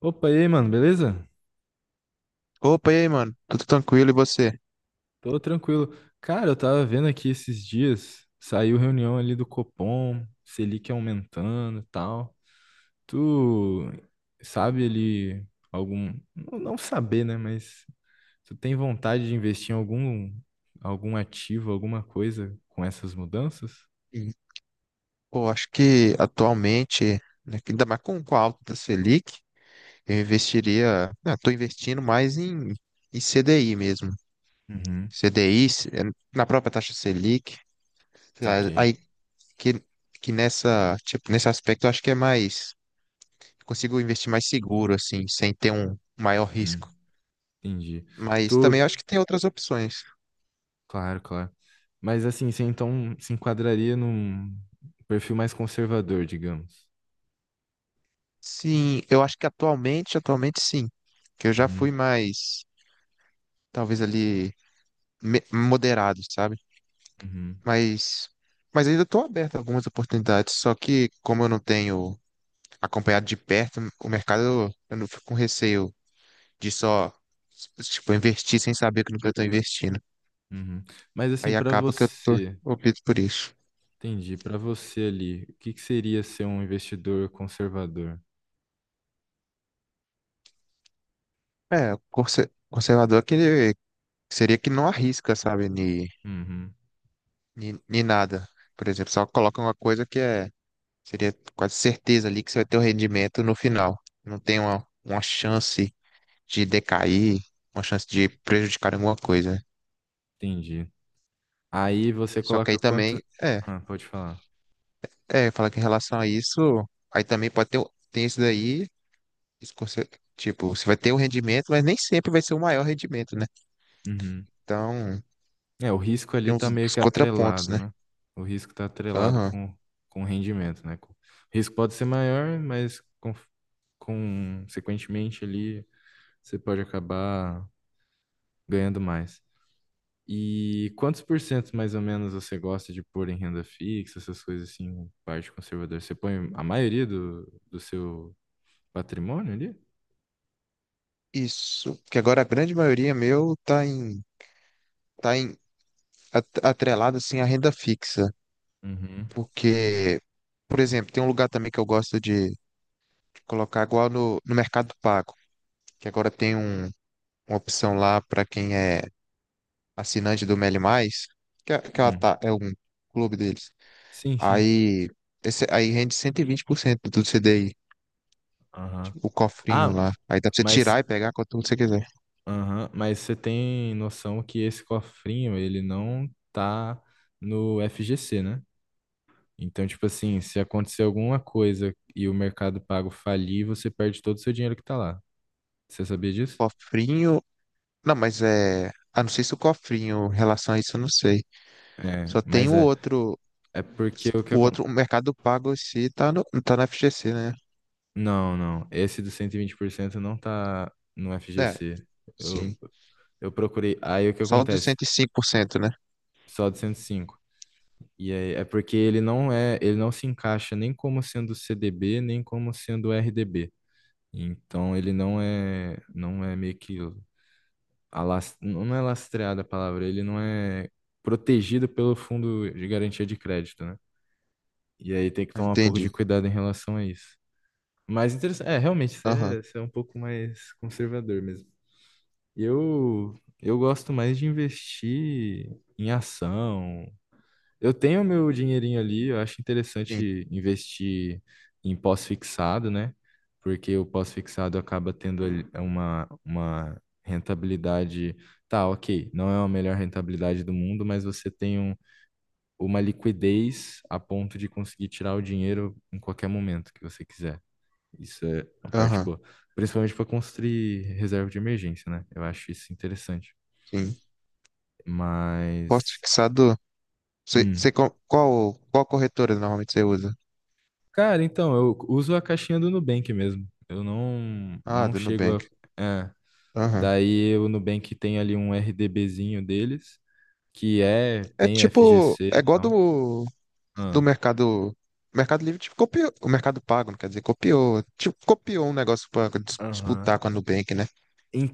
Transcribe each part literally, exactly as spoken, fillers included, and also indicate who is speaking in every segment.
Speaker 1: Opa, e aí, mano, beleza?
Speaker 2: Opa, e aí, mano? Tudo tranquilo e você?
Speaker 1: Tô tranquilo. Cara, eu tava vendo aqui esses dias, saiu reunião ali do Copom, Selic aumentando e tal. Tu sabe ali algum. Não não saber, né? Mas tu tem vontade de investir em algum, algum ativo, alguma coisa com essas mudanças?
Speaker 2: Sim. Pô, acho que atualmente, né, que ainda mais com, com a alta da Selic, eu investiria, estou investindo mais em, em C D I mesmo.
Speaker 1: Uhum,
Speaker 2: C D I, se- eh, na própria taxa Selic. A
Speaker 1: saquei.
Speaker 2: Aí que, que nessa, tipo, nesse aspecto eu acho que é mais, consigo investir mais seguro, assim, sem ter um maior
Speaker 1: Hum,
Speaker 2: risco.
Speaker 1: entendi.
Speaker 2: Mas também eu
Speaker 1: Tu.
Speaker 2: acho que tem outras opções.
Speaker 1: Claro, claro. Mas assim, você então se enquadraria num perfil mais conservador, digamos.
Speaker 2: Sim, eu acho que atualmente, atualmente sim, que eu já
Speaker 1: Uhum.
Speaker 2: fui mais, talvez ali, me- moderado, sabe?
Speaker 1: Uhum,
Speaker 2: Mas, mas ainda estou aberto a algumas oportunidades, só que como eu não tenho acompanhado de perto o mercado, eu, eu não fico com receio de só, tipo, investir sem saber o que eu estou investindo.
Speaker 1: uhum. Mas assim,
Speaker 2: Aí
Speaker 1: para
Speaker 2: acaba que eu tô,
Speaker 1: você,
Speaker 2: opto por isso.
Speaker 1: entendi, para você ali, o que que seria ser um investidor conservador?
Speaker 2: É, o conser- conservador é aquele que ele- seria que não arrisca, sabe, ni,
Speaker 1: Uhum,
Speaker 2: ni, ni nada. Por exemplo, só coloca uma coisa que é, seria quase certeza ali que você vai ter o rendimento no final. Não tem uma, uma chance de decair, uma chance de prejudicar alguma coisa.
Speaker 1: entendi. Aí você
Speaker 2: Só que
Speaker 1: coloca
Speaker 2: aí
Speaker 1: quanto...
Speaker 2: também, é,
Speaker 1: Ah, pode falar.
Speaker 2: é, fala que em relação a isso, aí também pode ter, o- tem isso daí, esse conser- tipo, você vai ter o rendimento, mas nem sempre vai ser o maior rendimento, né?
Speaker 1: Uhum.
Speaker 2: Então,
Speaker 1: É, o risco ali
Speaker 2: tem uns,
Speaker 1: tá meio
Speaker 2: uns
Speaker 1: que
Speaker 2: contrapontos,
Speaker 1: atrelado,
Speaker 2: né?
Speaker 1: né? O risco tá atrelado
Speaker 2: Aham.
Speaker 1: com, com o rendimento, né? O risco pode ser maior, mas con- consequentemente ali você pode acabar ganhando mais. E quantos por cento mais ou menos você gosta de pôr em renda fixa, essas coisas assim, parte conservadora? Você põe a maioria do, do seu patrimônio ali?
Speaker 2: Isso. Porque agora a grande maioria meu tá em, tá em at- atrelado assim à renda fixa.
Speaker 1: Uhum.
Speaker 2: Porque, por exemplo, tem um lugar também que eu gosto de colocar igual no, no Mercado Pago, que agora tem um, uma opção lá para quem é assinante do Meli Mais, que, é- que ela
Speaker 1: Hum.
Speaker 2: tá, é um clube deles.
Speaker 1: Sim, sim.
Speaker 2: Aí, esse, aí rende cento e vinte por cento do C D I,
Speaker 1: Aham.
Speaker 2: o cofrinho
Speaker 1: Ah,
Speaker 2: lá. Aí dá pra você
Speaker 1: mas,
Speaker 2: tirar e pegar quanto você quiser.
Speaker 1: aham, mas você tem noção que esse cofrinho, ele não tá no F G C, né? Então, tipo assim, se acontecer alguma coisa e o Mercado Pago falir, você perde todo o seu dinheiro que tá lá. Você sabia disso?
Speaker 2: Cofrinho. Não, mas é. Ah, não sei se o cofrinho, em relação a isso, eu não sei.
Speaker 1: É,
Speaker 2: Só tem
Speaker 1: mas
Speaker 2: o
Speaker 1: é.
Speaker 2: outro.
Speaker 1: É porque o que
Speaker 2: O
Speaker 1: acontece.
Speaker 2: outro, o Mercado Pago em si tá no, tá na F G C, né?
Speaker 1: Não, não. Esse do cento e vinte por cento não tá no
Speaker 2: É,
Speaker 1: F G C. Eu,
Speaker 2: sim.
Speaker 1: eu procurei. Aí o que
Speaker 2: Só o dos
Speaker 1: acontece?
Speaker 2: cento e cinco por cento, né?
Speaker 1: Só do cento e cinco. E aí é porque ele não é, ele não se encaixa nem como sendo C D B, nem como sendo R D B. Então ele não é, não é meio que alas- não é lastreado a palavra, ele não é protegido pelo fundo de garantia de crédito, né? E aí tem que
Speaker 2: Ah,
Speaker 1: tomar um pouco de
Speaker 2: entendi.
Speaker 1: cuidado em relação a isso. Mas interessante, é, realmente, você
Speaker 2: Aham,
Speaker 1: é, você é um pouco mais conservador mesmo. Eu, eu gosto mais de investir em ação. Eu tenho meu dinheirinho ali, eu acho
Speaker 2: sim.
Speaker 1: interessante investir em pós-fixado, né? Porque o pós-fixado acaba tendo ali uma, uma rentabilidade. Tá, ok, não é a melhor rentabilidade do mundo, mas você tem um- uma liquidez a ponto de conseguir tirar o dinheiro em qualquer momento que você quiser. Isso é uma parte
Speaker 2: Aham,
Speaker 1: boa. Principalmente para construir reserva de emergência, né? Eu acho isso interessante.
Speaker 2: sim. Posto
Speaker 1: Mas.
Speaker 2: fixado. Você,
Speaker 1: Hum.
Speaker 2: você, co- qual, qual corretora normalmente você usa?
Speaker 1: Cara, então, eu uso a caixinha do Nubank mesmo. Eu não,
Speaker 2: Ah,
Speaker 1: não
Speaker 2: do
Speaker 1: chego a.
Speaker 2: Nubank.
Speaker 1: É.
Speaker 2: Aham.
Speaker 1: Daí o Nubank tem ali um R D B zinho deles, que é,
Speaker 2: É
Speaker 1: tem
Speaker 2: tipo. É
Speaker 1: F G C e
Speaker 2: igual
Speaker 1: tal.
Speaker 2: do, do
Speaker 1: Ah,
Speaker 2: Mercado. O Mercado Livre tipo, copiou. O Mercado Pago, não quer dizer, copiou. Tipo, copiou um negócio pra dis-
Speaker 1: aham.
Speaker 2: disputar com a Nubank, né?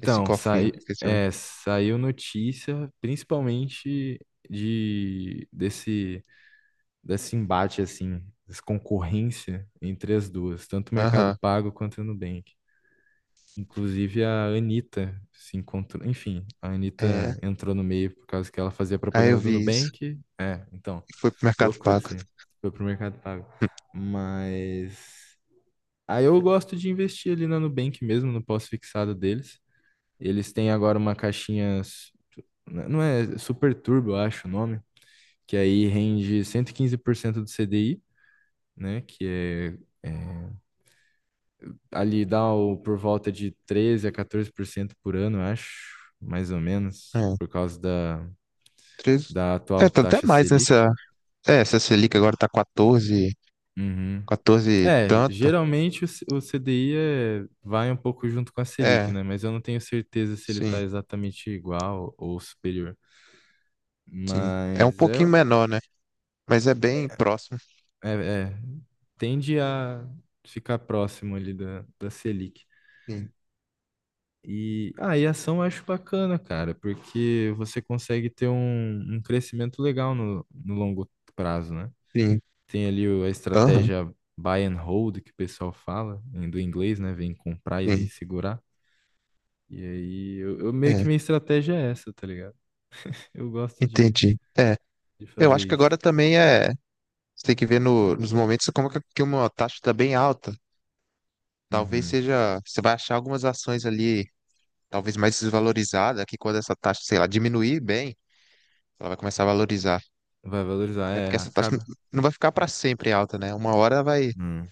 Speaker 2: Esse cofrinho
Speaker 1: sai,
Speaker 2: que vocês sabem.
Speaker 1: é, saiu notícia, principalmente de desse, desse embate, assim, dessa concorrência entre as duas, tanto o Mercado
Speaker 2: Aham.
Speaker 1: Pago quanto o Nubank. Inclusive a Anitta se encontrou. Enfim, a
Speaker 2: É.
Speaker 1: Anitta entrou no meio por causa que ela fazia
Speaker 2: Aí
Speaker 1: propaganda
Speaker 2: eu
Speaker 1: do
Speaker 2: vi isso
Speaker 1: Nubank. É, então,
Speaker 2: e fui pro Mercado
Speaker 1: loucura
Speaker 2: Pago.
Speaker 1: isso aí. Foi pro Mercado Pago. Mas. Aí eu gosto de investir ali na Nubank mesmo, no pós-fixado deles. Eles têm agora uma caixinha. s- Não é Super Turbo, eu acho o nome. Que aí rende cento e quinze por cento do C D I, né? Que é ali dá o, por volta de treze a quatorze por cento por cento por ano, eu acho, mais ou menos,
Speaker 2: Hum. É,
Speaker 1: por causa da,
Speaker 2: treze.
Speaker 1: da atual
Speaker 2: É, tá até
Speaker 1: taxa
Speaker 2: mais
Speaker 1: Selic.
Speaker 2: nessa. É, essa Selic agora tá quatorze,
Speaker 1: Uhum.
Speaker 2: quatorze e
Speaker 1: É,
Speaker 2: tanto.
Speaker 1: geralmente o, C- o C D I é- vai um pouco junto com a Selic,
Speaker 2: É,
Speaker 1: né? Mas eu não tenho certeza se ele
Speaker 2: sim,
Speaker 1: está exatamente igual ou superior.
Speaker 2: sim. É um
Speaker 1: Mas é,
Speaker 2: pouquinho menor, né? Mas é bem próximo.
Speaker 1: é, é, tende a ficar próximo ali da, da Selic.
Speaker 2: Sim,
Speaker 1: E, ah, e ação eu acho bacana, cara, porque você consegue ter um, um crescimento legal no, no longo prazo, né?
Speaker 2: sim.
Speaker 1: Tem ali o- a
Speaker 2: Aham,
Speaker 1: estratégia buy and hold, que o pessoal fala, em- do inglês, né? Vem comprar e
Speaker 2: sim.
Speaker 1: segurar. E aí, eu, eu meio que
Speaker 2: É,
Speaker 1: minha estratégia é essa, tá ligado? Eu gosto de,
Speaker 2: entendi. É,
Speaker 1: de
Speaker 2: eu
Speaker 1: fazer
Speaker 2: acho que
Speaker 1: isso.
Speaker 2: agora também é. Você tem que ver no- nos momentos como que, que uma taxa está bem alta. Talvez
Speaker 1: Uhum.
Speaker 2: seja. Você vai achar algumas ações ali, talvez mais desvalorizadas que quando essa taxa, sei lá, diminuir bem, ela vai começar a valorizar.
Speaker 1: Vai valorizar,
Speaker 2: É
Speaker 1: é,
Speaker 2: porque essa taxa
Speaker 1: acaba.
Speaker 2: n- não vai ficar para sempre alta, né? Uma hora vai.
Speaker 1: Hum.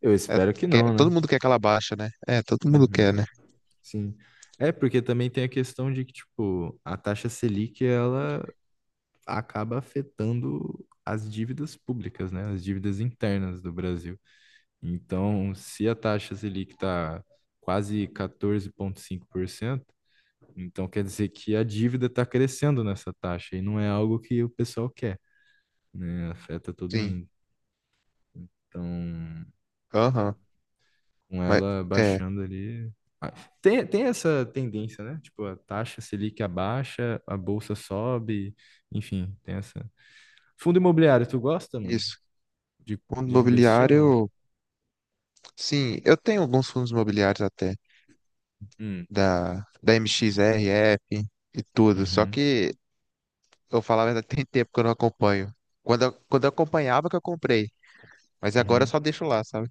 Speaker 1: Eu
Speaker 2: É,
Speaker 1: espero que
Speaker 2: quer-
Speaker 1: não,
Speaker 2: todo
Speaker 1: né?
Speaker 2: mundo quer que ela baixa, né? É, todo mundo
Speaker 1: Uhum.
Speaker 2: quer, né?
Speaker 1: Sim. É, porque também tem a questão de que, tipo, a taxa Selic, ela acaba afetando as dívidas públicas, né? As dívidas internas do Brasil. Então, se a taxa Selic está quase quatorze vírgula cinco por cento, então quer dizer que a dívida está crescendo nessa taxa e não é algo que o pessoal quer, né? Afeta todo
Speaker 2: Sim.
Speaker 1: mundo. Então,
Speaker 2: Aham.
Speaker 1: com
Speaker 2: Mas.
Speaker 1: ela
Speaker 2: É.
Speaker 1: baixando ali. Ah, tem, tem essa tendência, né? Tipo, a taxa Selic abaixa, a bolsa sobe, enfim, tem essa. Fundo imobiliário, tu gosta, mano?
Speaker 2: Isso.
Speaker 1: De,
Speaker 2: Fundo
Speaker 1: de investir ou não?
Speaker 2: imobiliário, sim, eu tenho alguns fundos imobiliários até,
Speaker 1: Hum,
Speaker 2: da, da M X R F e tudo, só
Speaker 1: uhum,
Speaker 2: que eu falo a verdade, tem tempo que eu não acompanho. Quando eu, quando eu acompanhava que eu comprei, mas agora eu
Speaker 1: uhum.
Speaker 2: só deixo lá, sabe?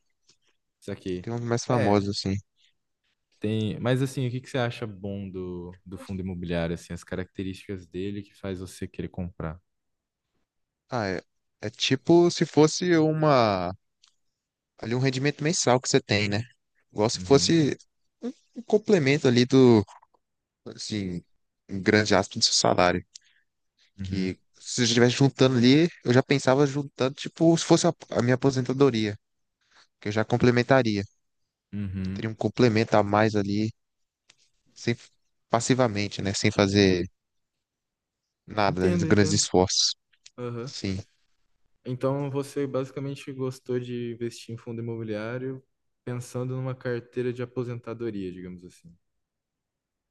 Speaker 1: Isso aqui.
Speaker 2: Tem uns mais famosos
Speaker 1: É,
Speaker 2: assim.
Speaker 1: tem. Mas assim, o que que você acha bom do, do fundo imobiliário, assim, as características dele que faz você querer comprar?
Speaker 2: Ah, é, é tipo se fosse uma, ali um rendimento mensal que você tem, né? Igual se
Speaker 1: Uhum,
Speaker 2: fosse um complemento ali do, assim, em grande aspas do seu salário.
Speaker 1: uhum,
Speaker 2: Que se eu estivesse juntando ali, eu já pensava juntando, tipo, se fosse a, a minha aposentadoria, que eu já complementaria.
Speaker 1: uhum.
Speaker 2: Teria um complemento a mais ali, sem, passivamente, né? Sem fazer nada, né,
Speaker 1: Entendo,
Speaker 2: de grandes
Speaker 1: entendo.
Speaker 2: esforços.
Speaker 1: Aham.
Speaker 2: Sim.
Speaker 1: Então você basicamente gostou de investir em fundo imobiliário pensando numa carteira de aposentadoria, digamos assim.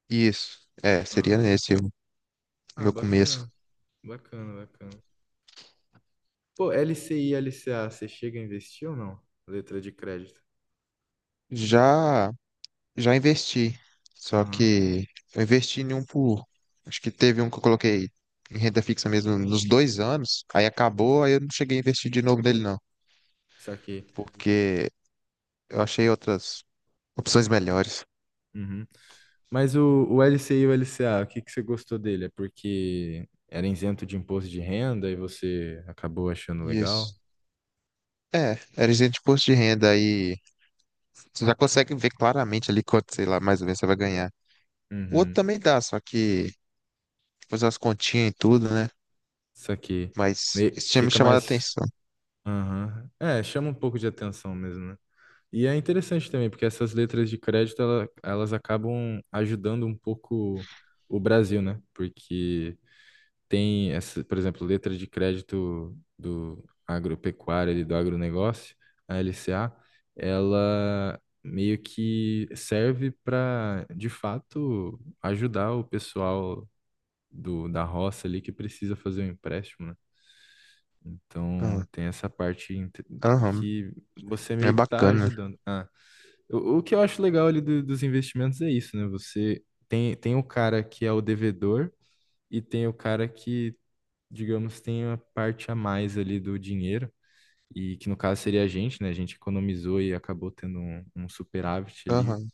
Speaker 2: Isso. É, seria
Speaker 1: Ah,
Speaker 2: nesse o
Speaker 1: ah,
Speaker 2: meu começo.
Speaker 1: bacana, bacana, bacana. Pô, L C I e L C A, você chega a investir ou não? Letra de crédito.
Speaker 2: Já, já investi. Só
Speaker 1: Aham.
Speaker 2: que eu investi em um por. Acho que teve um que eu coloquei em renda fixa mesmo nos dois anos. Aí acabou, aí eu não cheguei a investir de novo nele, não.
Speaker 1: Saquei.
Speaker 2: Porque eu achei outras opções melhores.
Speaker 1: Uhum. Mas o, o L C I e o L C A, o que que você gostou dele? É porque era isento de imposto de renda e você acabou achando
Speaker 2: Isso.
Speaker 1: legal?
Speaker 2: É, era isento de imposto de renda aí. Você já consegue ver claramente ali quanto, sei lá, mais ou menos você vai ganhar. O outro
Speaker 1: Uhum.
Speaker 2: também dá, só que fazer as continhas e tudo, né?
Speaker 1: Isso aqui.
Speaker 2: Mas
Speaker 1: Me-
Speaker 2: isso tinha me
Speaker 1: fica
Speaker 2: chamado a
Speaker 1: mais.
Speaker 2: atenção.
Speaker 1: Aham. É, chama um pouco de atenção mesmo, né? E é interessante também, porque essas letras de crédito, ela- elas acabam ajudando um pouco o Brasil, né? Porque tem essa, por exemplo, letra de crédito do agropecuário ali do agronegócio, a L C A, ela meio que serve para, de fato, ajudar o pessoal do, da roça ali que precisa fazer um empréstimo, né? Então,
Speaker 2: Ah,
Speaker 1: tem essa parte inte-
Speaker 2: aham,
Speaker 1: que você
Speaker 2: é
Speaker 1: meio que está
Speaker 2: bacana.
Speaker 1: ajudando. Ah, o, o que eu acho legal ali do- dos investimentos é isso, né? Você tem, tem o cara que é o devedor e tem o cara que digamos, tem a parte a mais ali do dinheiro, e que no caso seria a gente, né? A gente economizou e acabou tendo um, um superávit ali,
Speaker 2: Aham,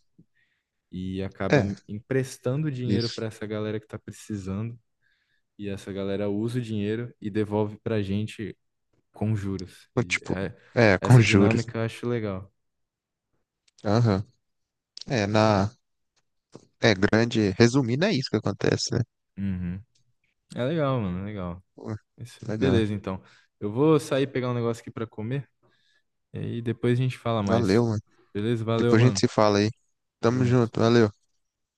Speaker 1: e acaba
Speaker 2: é,
Speaker 1: emprestando dinheiro para
Speaker 2: isso.
Speaker 1: essa galera que está precisando, e essa galera usa o dinheiro e devolve para a gente com juros.
Speaker 2: Então,
Speaker 1: E
Speaker 2: tipo,
Speaker 1: é-
Speaker 2: é, com
Speaker 1: essa
Speaker 2: juros.
Speaker 1: dinâmica eu acho legal.
Speaker 2: Aham, é, na. É grande. Resumindo, é isso que acontece, né?
Speaker 1: Uhum. É legal, mano, é legal.
Speaker 2: Pô,
Speaker 1: Isso-
Speaker 2: legal.
Speaker 1: Beleza, então. Eu vou sair pegar um negócio aqui para comer, e aí depois a gente fala mais.
Speaker 2: Valeu, mano.
Speaker 1: Beleza? Valeu,
Speaker 2: Depois a gente
Speaker 1: mano.
Speaker 2: se fala aí.
Speaker 1: Tamo
Speaker 2: Tamo
Speaker 1: junto.
Speaker 2: junto, valeu.